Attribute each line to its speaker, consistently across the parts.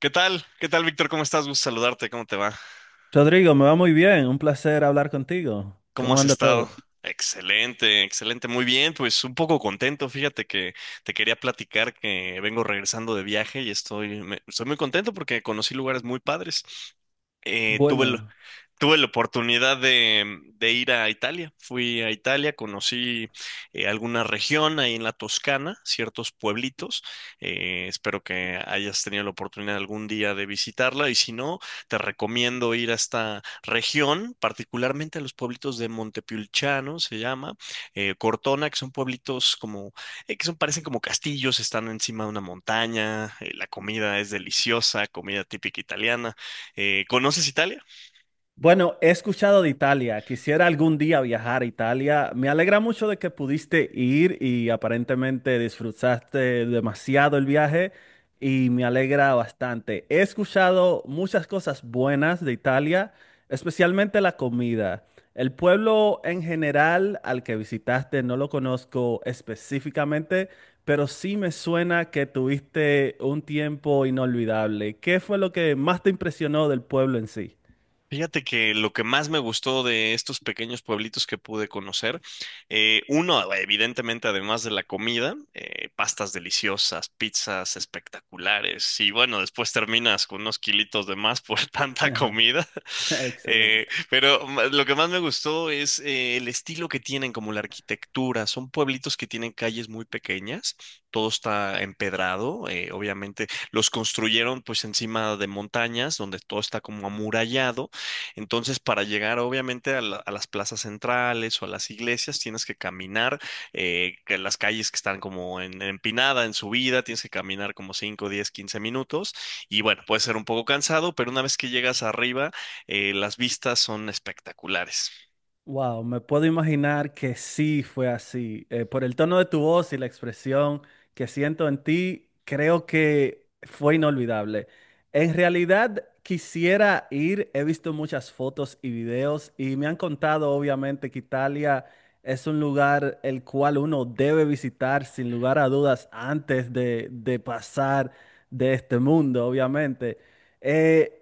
Speaker 1: ¿Qué tal? ¿Qué tal, Víctor? ¿Cómo estás? Gusto saludarte. ¿Cómo te va?
Speaker 2: Rodrigo, me va muy bien, un placer hablar contigo.
Speaker 1: ¿Cómo
Speaker 2: ¿Cómo
Speaker 1: has
Speaker 2: anda todo?
Speaker 1: estado? Excelente, excelente. Muy bien, pues un poco contento. Fíjate que te quería platicar que vengo regresando de viaje y estoy, estoy muy contento porque conocí lugares muy padres. Eh, tuve el-
Speaker 2: Bueno.
Speaker 1: Tuve la oportunidad de ir a Italia. Fui a Italia, conocí alguna región ahí en la Toscana, ciertos pueblitos. Espero que hayas tenido la oportunidad algún día de visitarla y si no, te recomiendo ir a esta región, particularmente a los pueblitos de Montepulciano, se llama, Cortona, que son pueblitos como, que son, parecen como castillos, están encima de una montaña, la comida es deliciosa, comida típica italiana. ¿Conoces Italia?
Speaker 2: Bueno, he escuchado de Italia. Quisiera algún día viajar a Italia. Me alegra mucho de que pudiste ir y aparentemente disfrutaste demasiado el viaje y me alegra bastante. He escuchado muchas cosas buenas de Italia, especialmente la comida. El pueblo en general al que visitaste no lo conozco específicamente, pero sí me suena que tuviste un tiempo inolvidable. ¿Qué fue lo que más te impresionó del pueblo en sí?
Speaker 1: Fíjate que lo que más me gustó de estos pequeños pueblitos que pude conocer, uno, evidentemente, además de la comida, pastas deliciosas, pizzas espectaculares, y bueno, después terminas con unos kilitos de más por tanta comida.
Speaker 2: Excelente.
Speaker 1: Pero lo que más me gustó es el estilo que tienen, como la arquitectura. Son pueblitos que tienen calles muy pequeñas, todo está empedrado, obviamente los construyeron pues encima de montañas, donde todo está como amurallado. Entonces, para llegar obviamente a las plazas centrales o a las iglesias, tienes que caminar, que las calles que están como empinada, en subida, tienes que caminar como 5, 10, 15 minutos. Y bueno, puede ser un poco cansado, pero una vez que llegas arriba, las vistas son espectaculares.
Speaker 2: Wow, me puedo imaginar que sí fue así. Por el tono de tu voz y la expresión que siento en ti, creo que fue inolvidable. En realidad, quisiera ir. He visto muchas fotos y videos y me han contado, obviamente, que Italia es un lugar el cual uno debe visitar sin lugar a dudas antes de pasar de este mundo, obviamente. Eh,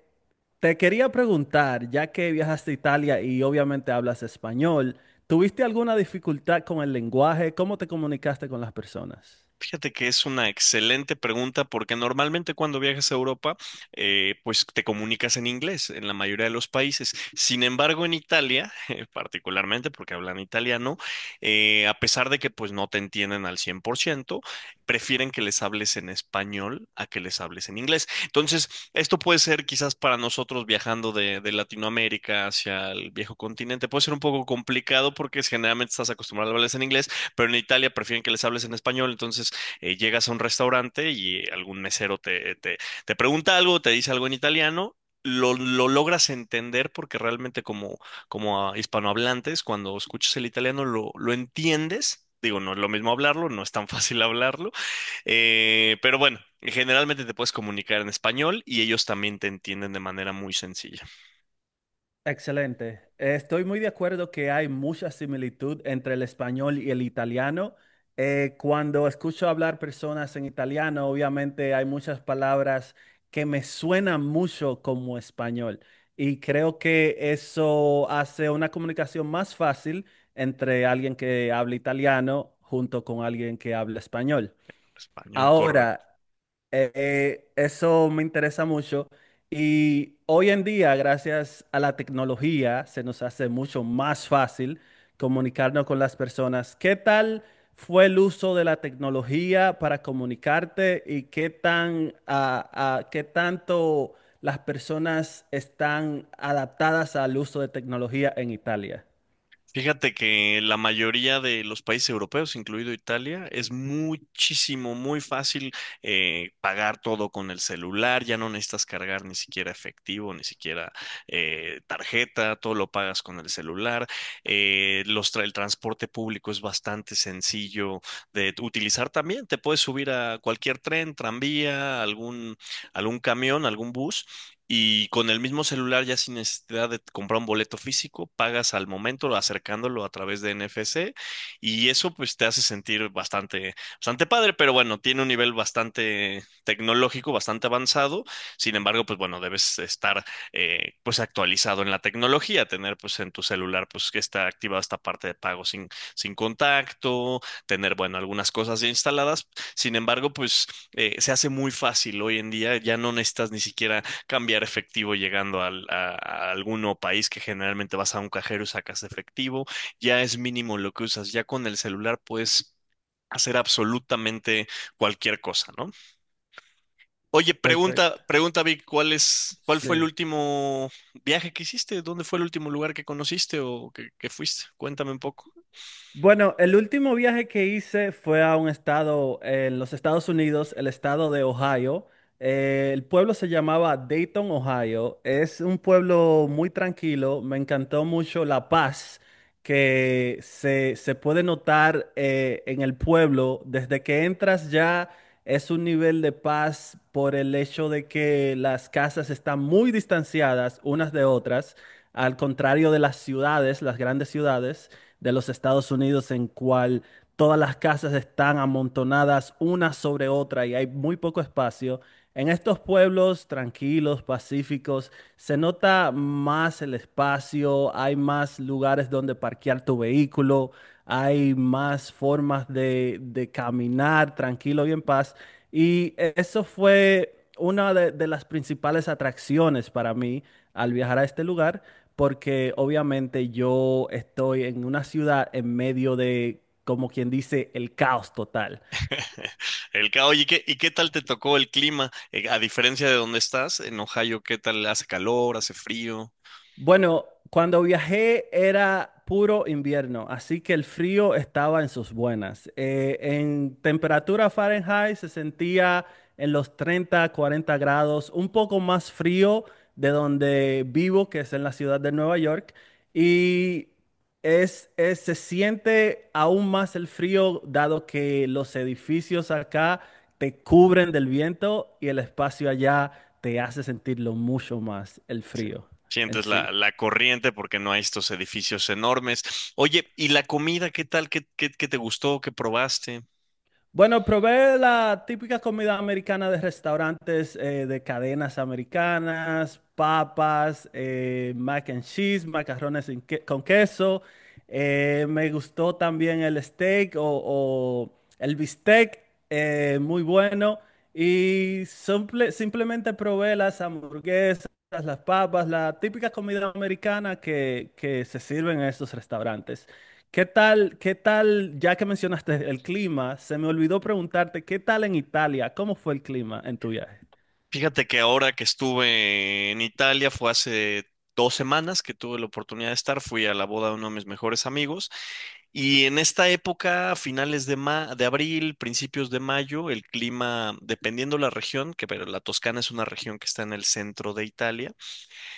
Speaker 2: Te quería preguntar, ya que viajaste a Italia y obviamente hablas español, ¿tuviste alguna dificultad con el lenguaje? ¿Cómo te comunicaste con las personas?
Speaker 1: Fíjate que es una excelente pregunta porque normalmente cuando viajas a Europa, pues te comunicas en inglés en la mayoría de los países. Sin embargo, en Italia, particularmente porque hablan italiano, a pesar de que pues no te entienden al 100% prefieren que les hables en español a que les hables en inglés. Entonces, esto puede ser quizás para nosotros viajando de Latinoamérica hacia el viejo continente, puede ser un poco complicado porque generalmente estás acostumbrado a hablarles en inglés, pero en Italia prefieren que les hables en español. Entonces, llegas a un restaurante y algún mesero te pregunta algo, te dice algo en italiano, lo logras entender porque realmente como, hispanohablantes, cuando escuchas el italiano lo entiendes. Digo, no es lo mismo hablarlo, no es tan fácil hablarlo, pero bueno, generalmente te puedes comunicar en español y ellos también te entienden de manera muy sencilla.
Speaker 2: Excelente. Estoy muy de acuerdo que hay mucha similitud entre el español y el italiano. Cuando escucho hablar personas en italiano, obviamente hay muchas palabras que me suenan mucho como español y creo que eso hace una comunicación más fácil entre alguien que habla italiano junto con alguien que habla español.
Speaker 1: Español, correcto.
Speaker 2: Ahora, eso me interesa mucho y hoy en día, gracias a la tecnología, se nos hace mucho más fácil comunicarnos con las personas. ¿Qué tal fue el uso de la tecnología para comunicarte y qué tanto las personas están adaptadas al uso de tecnología en Italia?
Speaker 1: Fíjate que la mayoría de los países europeos, incluido Italia, es muchísimo, muy fácil pagar todo con el celular, ya no necesitas cargar ni siquiera efectivo, ni siquiera tarjeta, todo lo pagas con el celular. El transporte público es bastante sencillo de utilizar también, te puedes subir a cualquier tren, tranvía, algún camión, algún bus y, con el mismo celular, ya sin necesidad de comprar un boleto físico, pagas al momento acercándolo a través de NFC, y eso pues te hace sentir bastante, bastante padre, pero bueno, tiene un nivel bastante tecnológico, bastante avanzado. Sin embargo, pues bueno, debes estar pues actualizado en la tecnología, tener pues en tu celular pues que está activada esta parte de pago sin contacto, tener bueno, algunas cosas ya instaladas. Sin embargo, pues se hace muy fácil hoy en día, ya no necesitas ni siquiera cambiar efectivo llegando a alguno país, que generalmente vas a un cajero y sacas efectivo. Ya es mínimo lo que usas, ya con el celular puedes hacer absolutamente cualquier cosa, ¿no? Oye, pregunta,
Speaker 2: Perfecto.
Speaker 1: pregunta, Vic, ¿cuál es, cuál fue el
Speaker 2: Sí.
Speaker 1: último viaje que hiciste? ¿Dónde fue el último lugar que conociste o que fuiste? Cuéntame un poco.
Speaker 2: Bueno, el último viaje que hice fue a un estado en los Estados Unidos, el estado de Ohio. El pueblo se llamaba Dayton, Ohio. Es un pueblo muy tranquilo. Me encantó mucho la paz que se puede notar en el pueblo. Desde que entras ya es un nivel de paz por el hecho de que las casas están muy distanciadas unas de otras, al contrario de las ciudades, las grandes ciudades de los Estados Unidos en cual todas las casas están amontonadas una sobre otra y hay muy poco espacio. En estos pueblos tranquilos, pacíficos, se nota más el espacio, hay más lugares donde parquear tu vehículo, hay más formas de caminar tranquilo y en paz. Y eso fue una de las principales atracciones para mí al viajar a este lugar, porque obviamente yo estoy en una ciudad en medio de, como quien dice, el caos total.
Speaker 1: Oye, ¿y qué tal te tocó el clima? A diferencia de donde estás, en Ohio, ¿qué tal, hace calor, hace frío?
Speaker 2: Bueno, cuando viajé era puro invierno, así que el frío estaba en sus buenas. En temperatura Fahrenheit se sentía en los 30, 40 grados, un poco más frío de donde vivo, que es en la ciudad de Nueva York, y se siente aún más el frío dado que los edificios acá te cubren del viento y el espacio allá te hace sentirlo mucho más el
Speaker 1: Sí.
Speaker 2: frío en
Speaker 1: Sientes la,
Speaker 2: sí.
Speaker 1: la corriente porque no hay estos edificios enormes. Oye, ¿y la comida qué tal? ¿Qué te gustó? ¿Qué probaste?
Speaker 2: Bueno, probé la típica comida americana de restaurantes de cadenas americanas, papas, mac and cheese, macarrones sin con queso. Me gustó también el steak o el bistec, muy bueno. Y simplemente probé las hamburguesas, las papas, la típica comida americana que se sirve en estos restaurantes. Qué tal, ya que mencionaste el clima, se me olvidó preguntarte, ¿qué tal en Italia? ¿Cómo fue el clima en tu viaje?
Speaker 1: Fíjate que ahora que estuve en Italia, fue hace 2 semanas que tuve la oportunidad de estar, fui a la boda de uno de mis mejores amigos. Y en esta época, a finales de abril, principios de mayo, el clima, dependiendo la región, que, pero la Toscana es una región que está en el centro de Italia,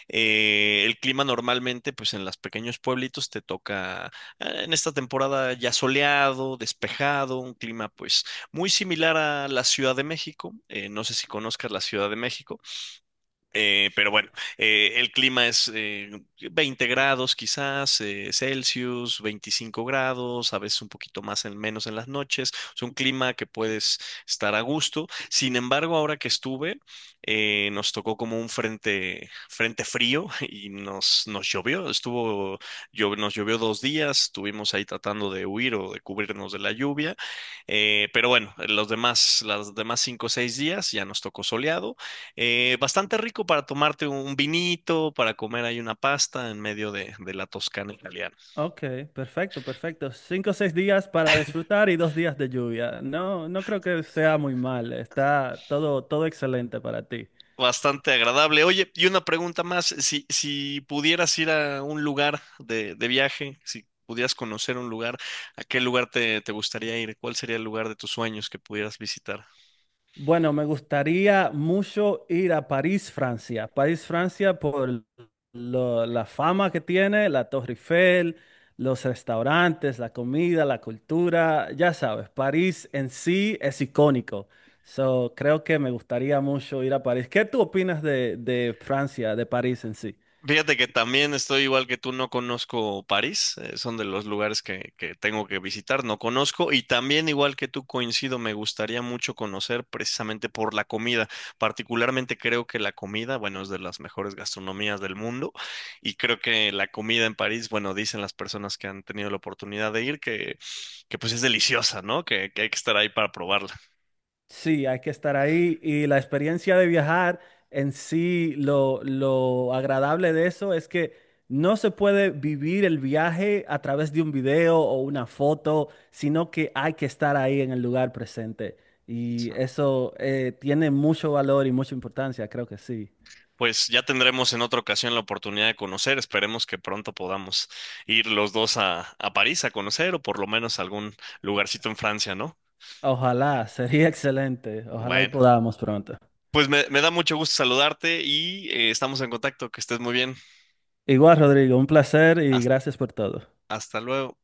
Speaker 1: el clima normalmente, pues en los pequeños pueblitos te toca en esta temporada ya soleado, despejado, un clima pues muy similar a la Ciudad de México. No sé si conozcas la Ciudad de México. Pero bueno, el clima es 20 grados quizás, Celsius, 25 grados, a veces un poquito más en menos en las noches. Es un clima que puedes estar a gusto. Sin embargo, ahora que estuve, nos tocó como un frente frío y nos llovió. Nos llovió 2 días, estuvimos ahí tratando de huir o de cubrirnos de la lluvia. Pero bueno, los demás, las demás 5 o 6 días ya nos tocó soleado. Bastante rico para tomarte un vinito, para comer ahí una pasta en medio de la Toscana italiana.
Speaker 2: Ok, perfecto, perfecto. 5 o 6 días para disfrutar y 2 días de lluvia. No, no creo que sea muy mal. Está todo, todo excelente para ti.
Speaker 1: Bastante agradable. Oye, y una pregunta más, si pudieras ir a un lugar de viaje, si pudieras conocer un lugar, ¿a qué lugar te gustaría ir? ¿Cuál sería el lugar de tus sueños que pudieras visitar?
Speaker 2: Bueno, me gustaría mucho ir a París, Francia. París, Francia, por la fama que tiene, la Torre Eiffel, los restaurantes, la comida, la cultura, ya sabes, París en sí es icónico. So, creo que me gustaría mucho ir a París. ¿Qué tú opinas de Francia, de París en sí?
Speaker 1: Fíjate que también estoy igual que tú, no conozco París, son de los lugares que tengo que visitar, no conozco, y también igual que tú coincido, me gustaría mucho conocer precisamente por la comida. Particularmente creo que la comida, bueno, es de las mejores gastronomías del mundo, y creo que la comida en París, bueno, dicen las personas que han tenido la oportunidad de ir que, pues es deliciosa, ¿no? Que hay que estar ahí para probarla.
Speaker 2: Sí, hay que estar ahí y la experiencia de viajar en sí, lo agradable de eso es que no se puede vivir el viaje a través de un video o una foto, sino que hay que estar ahí en el lugar presente. Y eso tiene mucho valor y mucha importancia, creo que sí.
Speaker 1: Pues ya tendremos en otra ocasión la oportunidad de conocer. Esperemos que pronto podamos ir los dos a París a conocer, o por lo menos a algún lugarcito en Francia, ¿no?
Speaker 2: Ojalá, sería excelente. Ojalá y
Speaker 1: Bueno,
Speaker 2: podamos pronto.
Speaker 1: pues me da mucho gusto saludarte y, estamos en contacto. Que estés muy bien.
Speaker 2: Igual, Rodrigo, un placer y
Speaker 1: Hasta,
Speaker 2: gracias por todo.
Speaker 1: hasta luego.